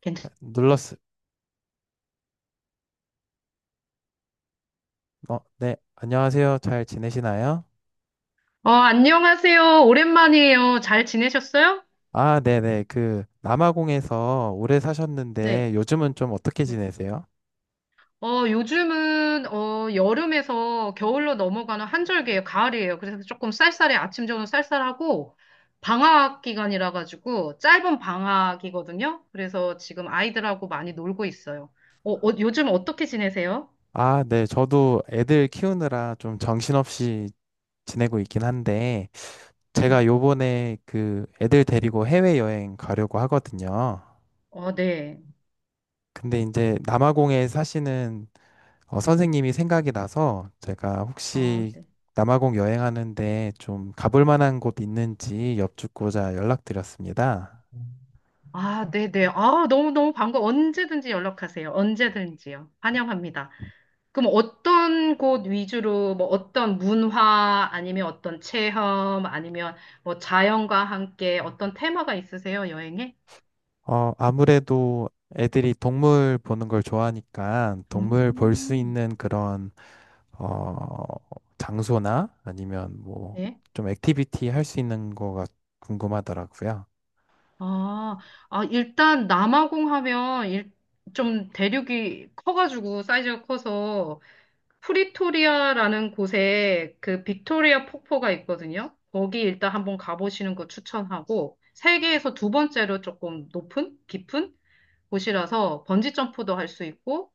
괜찮, 눌렀어. 네, 안녕하세요. 잘 지내시나요? 안녕하세요. 오랜만이에요. 잘 지내셨어요? 아, 네네. 그, 남아공에서 오래 네. 사셨는데 요즘은 좀 어떻게 네. 지내세요? 요즘은, 여름에서 겨울로 넘어가는 한절기예요. 가을이에요. 그래서 조금 쌀쌀해. 아침, 저녁 쌀쌀하고, 방학 기간이라 가지고, 짧은 방학이거든요. 그래서 지금 아이들하고 많이 놀고 있어요. 요즘 어떻게 지내세요? 아, 네. 저도 애들 키우느라 좀 정신없이 지내고 있긴 한데, 음, 제가 요번에 그 애들 데리고 해외여행 가려고 하거든요. 네. 근데 이제 남아공에 사시는 선생님이 생각이 나서 제가 아, 혹시 네. 남아공 여행하는데 좀 가볼 만한 곳 있는지 여쭙고자 연락드렸습니다. 아, 네네. 아, 너무너무 반가워. 언제든지 연락하세요. 언제든지요. 환영합니다. 그럼 어떤 곳 위주로 뭐 어떤 문화 아니면 어떤 체험 아니면 뭐 자연과 함께 어떤 테마가 있으세요, 여행에? 어, 아무래도 애들이 동물 보는 걸 좋아하니까 동물 볼 수 음, 있는 그런, 어, 장소나 아니면 뭐 네. 좀 액티비티 할 수 있는 거가 궁금하더라고요. 아, 아, 일단 남아공 하면 좀 대륙이 커가지고 사이즈가 커서 프리토리아라는 곳에 그 빅토리아 폭포가 있거든요. 거기 일단 한번 가보시는 거 추천하고 세계에서 두 번째로 조금 높은? 깊은? 곳이라서 번지 점프도 할 수 있고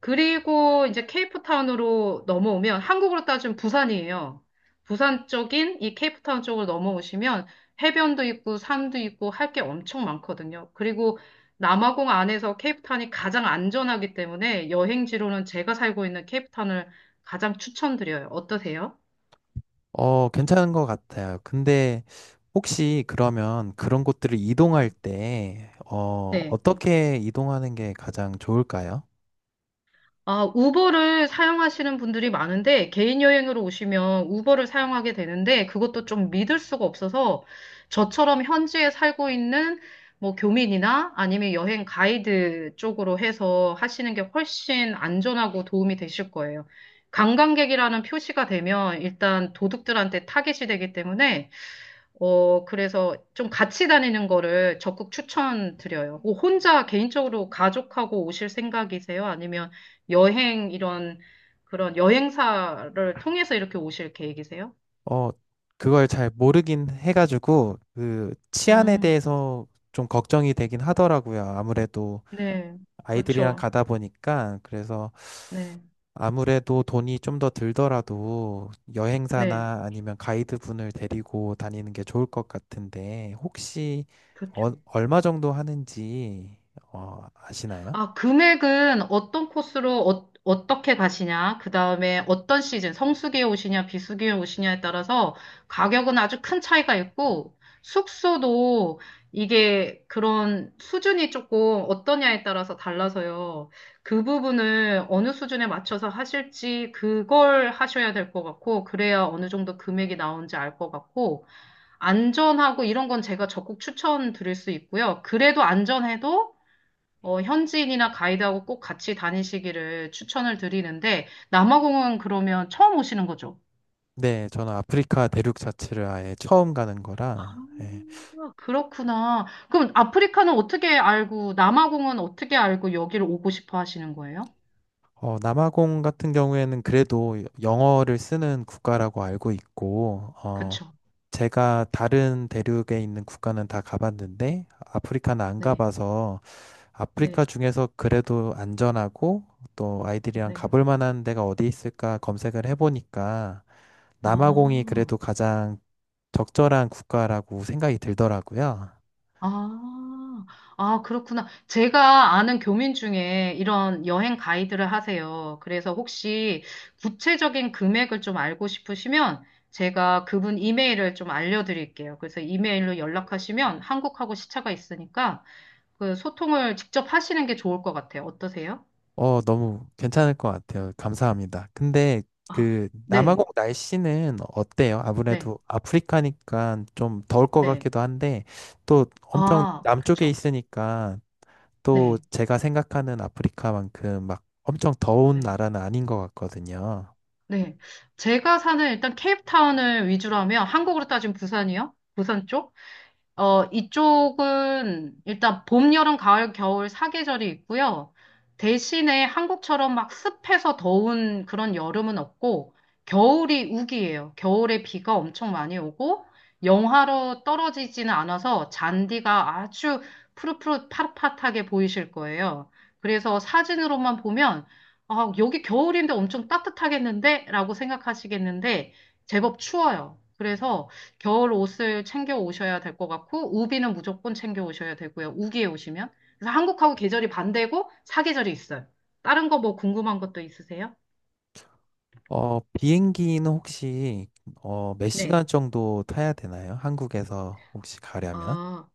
그리고 이제 케이프타운으로 넘어오면 한국으로 따지면 부산이에요. 부산 쪽인 이 케이프타운 쪽으로 넘어오시면 해변도 있고 산도 있고 할 게 엄청 많거든요. 그리고 남아공 안에서 케이프타운이 가장 안전하기 때문에 여행지로는 제가 살고 있는 케이프타운을 가장 추천드려요. 어떠세요? 어, 괜찮은 것 같아요. 근데 혹시 그러면 그런 곳들을 이동할 때, 네. 어떻게 이동하는 게 가장 좋을까요? 아, 우버를 사용하시는 분들이 많은데, 개인 여행으로 오시면 우버를 사용하게 되는데, 그것도 좀 믿을 수가 없어서, 저처럼 현지에 살고 있는 뭐 교민이나 아니면 여행 가이드 쪽으로 해서 하시는 게 훨씬 안전하고 도움이 되실 거예요. 관광객이라는 표시가 되면 일단 도둑들한테 타겟이 되기 때문에 그래서 좀 같이 다니는 거를 적극 추천드려요. 뭐 혼자 개인적으로 가족하고 오실 생각이세요? 아니면 여행 이런 그런 여행사를 통해서 이렇게 오실 계획이세요? 어, 그걸 잘 모르긴 해가지고 그 치안에 음, 대해서 좀 걱정이 되긴 하더라고요. 아무래도 네, 아이들이랑 그렇죠. 가다 보니까 그래서 네, 아무래도 돈이 좀 더 들더라도 네, 여행사나 아니면 가이드분을 데리고 다니는 게 좋을 것 같은데 혹시 그렇죠. 얼마 정도 하는지 아시나요? 아, 금액은 어떤 코스로 어떻게 가시냐, 그 다음에 어떤 시즌, 성수기에 오시냐, 비수기에 오시냐에 따라서 가격은 아주 큰 차이가 있고, 숙소도 이게 그런 수준이 조금 어떠냐에 따라서 달라서요. 그 부분을 어느 수준에 맞춰서 하실지 그걸 하셔야 될 것 같고, 그래야 어느 정도 금액이 나오는지 알 것 같고, 안전하고 이런 건 제가 적극 추천드릴 수 있고요. 그래도 안전해도 현지인이나 가이드하고 꼭 같이 다니시기를 추천을 드리는데, 남아공은 그러면 처음 오시는 거죠? 네, 저는 아프리카 대륙 자체를 아예 처음 가는 거라 예. 아, 그렇구나. 그럼 아프리카는 어떻게 알고, 남아공은 어떻게 알고 여기를 오고 싶어 하시는 거예요? 어, 남아공 같은 경우에는 그래도 영어를 쓰는 국가라고 알고 있고, 어, 그쵸. 제가 다른 대륙에 있는 국가는 다 가봤는데 아프리카는 안 네, 가봐서 아프리카 네, 중에서 그래도 안전하고 또 아이들이랑 네. 가볼 만한 데가 어디 있을까 검색을 해보니까 남아공이 아. 그래도 가장 적절한 국가라고 생각이 들더라고요. 아, 아, 그렇구나. 제가 아는 교민 중에 이런 여행 가이드를 하세요. 그래서 혹시 구체적인 금액을 좀 알고 싶으시면 제가 그분 이메일을 좀 알려드릴게요. 그래서 이메일로 연락하시면 한국하고 시차가 있으니까 그 소통을 직접 하시는 게 좋을 것 같아요. 어떠세요? 어, 너무 괜찮을 것 같아요. 감사합니다. 근데 아, 그 남아공 네, 날씨는 어때요? 네, 아무래도 아프리카니까 좀 더울 것 네. 같기도 한데 또 엄청 아, 남쪽에 그쵸. 있으니까 또 네, 제가 생각하는 아프리카만큼 막 엄청 더운 네, 나라는 아닌 것 같거든요. 네. 제가 사는 일단 케이프타운을 위주로 하면 한국으로 따지면 부산이요? 부산 쪽? 이쪽은 일단 봄, 여름, 가을, 겨울 사계절이 있고요. 대신에 한국처럼 막 습해서 더운 그런 여름은 없고, 겨울이 우기예요. 겨울에 비가 엄청 많이 오고, 영하로 떨어지지는 않아서 잔디가 아주 푸릇푸릇 파릇파릇하게 보이실 거예요. 그래서 사진으로만 보면, 아, 여기 겨울인데 엄청 따뜻하겠는데? 라고 생각하시겠는데, 제법 추워요. 그래서 겨울 옷을 챙겨 오셔야 될 것 같고, 우비는 무조건 챙겨 오셔야 되고요. 우기에 오시면. 그래서 한국하고 계절이 반대고 사계절이 있어요. 다른 거 뭐 궁금한 것도 있으세요? 어, 비행기는 혹시 몇 네. 시간 정도 타야 되나요? 한국에서 혹시 가려면? 아,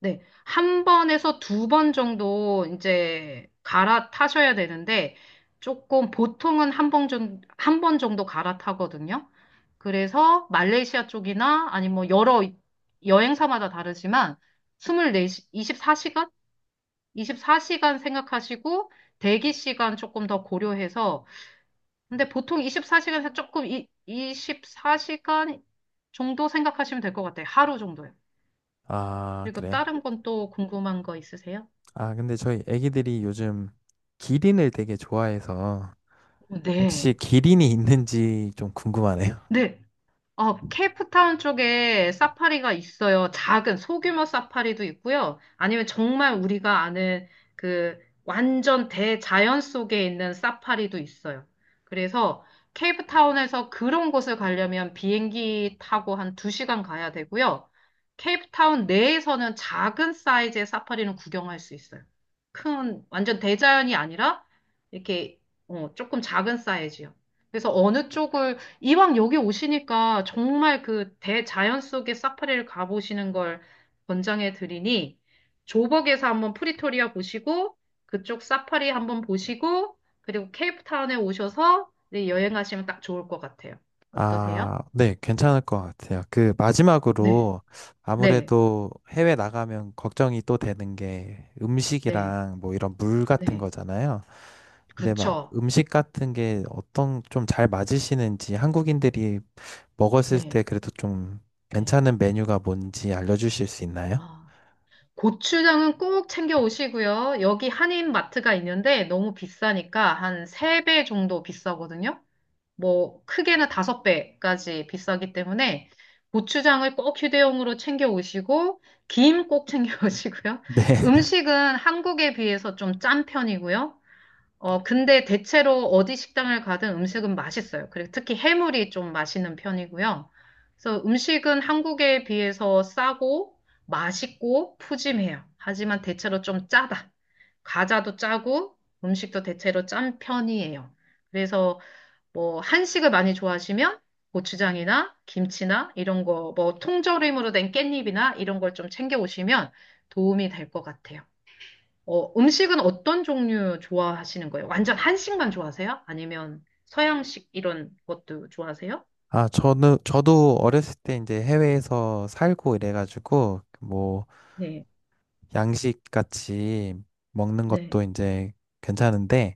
네. 한 번에서 두 번 정도 이제 갈아타셔야 되는데, 조금 보통은 한번 정도 갈아타거든요. 그래서 말레이시아 쪽이나 아니 뭐 여러 여행사마다 다르지만 24, 24시간 생각하시고 대기 시간 조금 더 고려해서 근데 보통 24시간에서 조금 24시간 정도 생각하시면 될 것 같아요. 하루 정도요. 아, 그리고 그래요? 다른 건 또 궁금한 거 있으세요? 아, 근데 저희 애기들이 요즘 기린을 되게 좋아해서 혹시 네. 기린이 있는지 좀 궁금하네요. 네, 케이프타운 쪽에 사파리가 있어요. 작은 소규모 사파리도 있고요. 아니면 정말 우리가 아는 그 완전 대자연 속에 있는 사파리도 있어요. 그래서 케이프타운에서 그런 곳을 가려면 비행기 타고 한 두 시간 가야 되고요. 케이프타운 내에서는 작은 사이즈의 사파리는 구경할 수 있어요. 큰, 완전 대자연이 아니라 이렇게 조금 작은 사이즈요. 그래서 어느 쪽을 이왕 여기 오시니까 정말 그 대자연 속의 사파리를 가보시는 걸 권장해 드리니 조벅에서 한번 프리토리아 보시고 그쪽 사파리 한번 보시고 그리고 케이프타운에 오셔서 네, 여행하시면 딱 좋을 것 같아요. 어떠세요? 아, 네, 괜찮을 것 같아요. 그 네, 마지막으로 네, 아무래도 해외 나가면 걱정이 또 되는 게 네, 음식이랑 뭐 이런 물 같은 네. 거잖아요. 근데 막 그렇죠. 음식 같은 게 어떤 좀 잘 맞으시는지 한국인들이 먹었을 네, 때 그래도 좀 네. 괜찮은 메뉴가 뭔지 알려주실 수 있나요? 아, 고추장은 꼭 챙겨 오시고요. 여기 한인 마트가 있는데 너무 비싸니까 한 3배 정도 비싸거든요. 뭐 크게는 다섯 배까지 비싸기 때문에 고추장을 꼭 휴대용으로 챙겨 오시고 김 꼭 챙겨 오시고요. 네. 음식은 한국에 비해서 좀 짠 편이고요. 근데 대체로 어디 식당을 가든 음식은 맛있어요. 그리고 특히 해물이 좀 맛있는 편이고요. 그래서 음식은 한국에 비해서 싸고 맛있고 푸짐해요. 하지만 대체로 좀 짜다. 과자도 짜고 음식도 대체로 짠 편이에요. 그래서 뭐 한식을 많이 좋아하시면 고추장이나 김치나 이런 거, 뭐 통조림으로 된 깻잎이나 이런 걸 좀 챙겨 오시면 도움이 될 것 같아요. 음식은 어떤 종류 좋아하시는 거예요? 완전 한식만 좋아하세요? 아니면 서양식 이런 것도 좋아하세요? 저도 어렸을 때 이제 해외에서 살고 이래가지고 뭐 네, 양식 같이 먹는 네, 것도 이제 괜찮은데,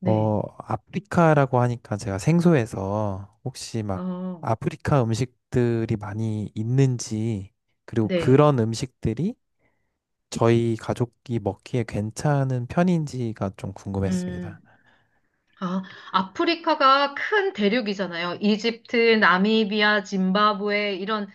네. 어, 아프리카라고 하니까 제가 생소해서 혹시 막 어, 아프리카 음식들이 많이 있는지, 그리고 네. 그런 음식들이 저희 가족이 먹기에 괜찮은 편인지가 좀 궁금했습니다. 음. 아, 아프리카가 큰 대륙이잖아요. 이집트, 나미비아, 짐바브웨 이런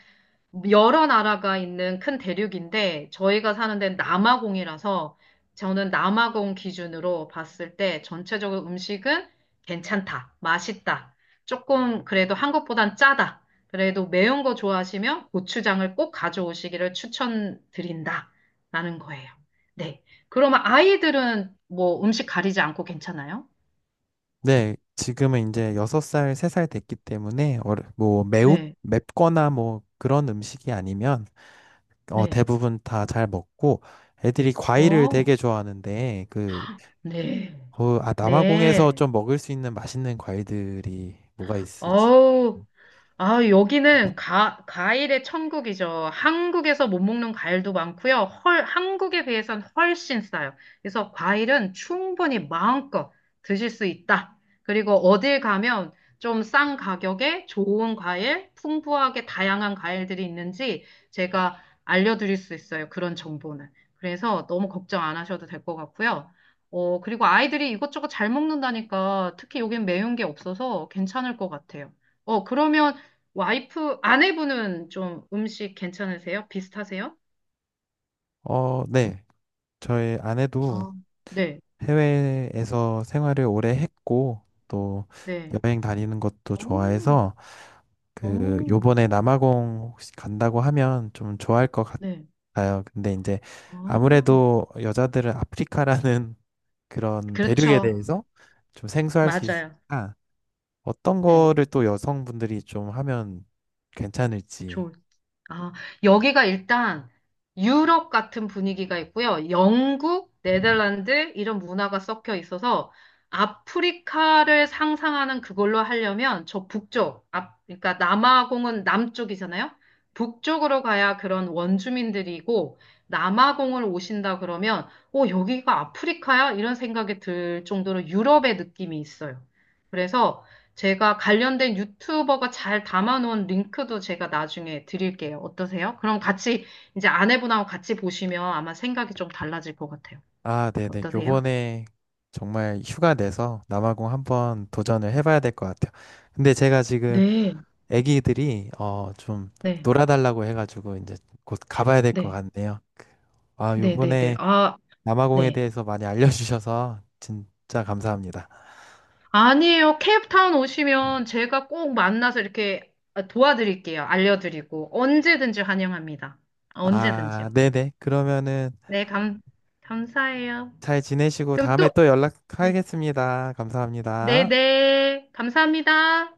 여러 나라가 있는 큰 대륙인데 저희가 사는 데는 남아공이라서 저는 남아공 기준으로 봤을 때 전체적으로 음식은 괜찮다, 맛있다. 조금 그래도 한국보단 짜다. 그래도 매운 거 좋아하시면 고추장을 꼭 가져오시기를 추천드린다. 라는 거예요. 네. 그러면 아이들은 뭐 음식 가리지 않고 괜찮아요? 네, 지금은 이제 6살, 3살 됐기 때문에 뭐 매우 네. 맵거나 뭐 그런 음식이 아니면, 어, 네. 대부분 다 잘 먹고 애들이 과일을 어, 되게 좋아하는데, 그, 네. 아, 남아공에서 네. 좀 먹을 수 있는 맛있는 과일들이 뭐가 있을지. 어우. 아, 여기는 과일의 천국이죠. 한국에서 못 먹는 과일도 많고요. 헐, 한국에 비해선 훨씬 싸요. 그래서 과일은 충분히 마음껏 드실 수 있다. 그리고 어딜 가면 좀 싼 가격에 좋은 과일, 풍부하게 다양한 과일들이 있는지 제가 알려드릴 수 있어요. 그런 정보는. 그래서 너무 걱정 안 하셔도 될 것 같고요. 그리고 아이들이 이것저것 잘 먹는다니까 특히 여긴 매운 게 없어서 괜찮을 것 같아요. 그러면 와이프, 아내분은 좀 음식 괜찮으세요? 비슷하세요? 어, 네. 저희 아내도 아, 네, 해외에서 생활을 오래 했고, 또 네, 여행 다니는 것도 오 좋아해서, 그, 오 요번에 남아공 혹시 간다고 하면 좀 좋아할 것 네. 같아요. 근데 이제 아, 아무래도 여자들은 아프리카라는 그런 대륙에 그렇죠. 대해서 좀 생소할 수 맞아요. 있으니까, 어떤 네. 거를 또 여성분들이 좀 하면 괜찮을지. 좋 아, 여기가 일단 유럽 같은 분위기가 있고요. 영국, 네덜란드 이런 문화가 섞여 있어서 아프리카를 상상하는 그걸로 하려면 저 북쪽, 앞, 그러니까 남아공은 남쪽이잖아요. 북쪽으로 가야 그런 원주민들이고 남아공을 오신다 그러면 여기가 아프리카야? 이런 생각이 들 정도로 유럽의 느낌이 있어요. 그래서 제가 관련된 유튜버가 잘 담아놓은 링크도 제가 나중에 드릴게요. 어떠세요? 그럼 같이 이제 아내분하고 같이 보시면 아마 생각이 좀 달라질 것 같아요. 아, 네네. 어떠세요? 요번에 정말 휴가 내서 남아공 한번 도전을 해봐야 될 것 같아요. 근데 제가 지금 네, 애기들이, 좀 네, 놀아달라고 해가지고 이제 곧 가봐야 될 것 네, 같네요. 아, 네, 네, 네. 요번에 아, 남아공에 네. 대해서 많이 알려주셔서 진짜 감사합니다. 아니에요. 케이프타운 오시면 제가 꼭 만나서 이렇게 도와드릴게요. 알려드리고 언제든지 환영합니다. 아, 아, 언제든지요. 네네. 그러면은 네, 감사해요. 잘 지내시고 그럼 다음에 또, 또 네, 연락하겠습니다. 네, 감사합니다. 네. 감사합니다.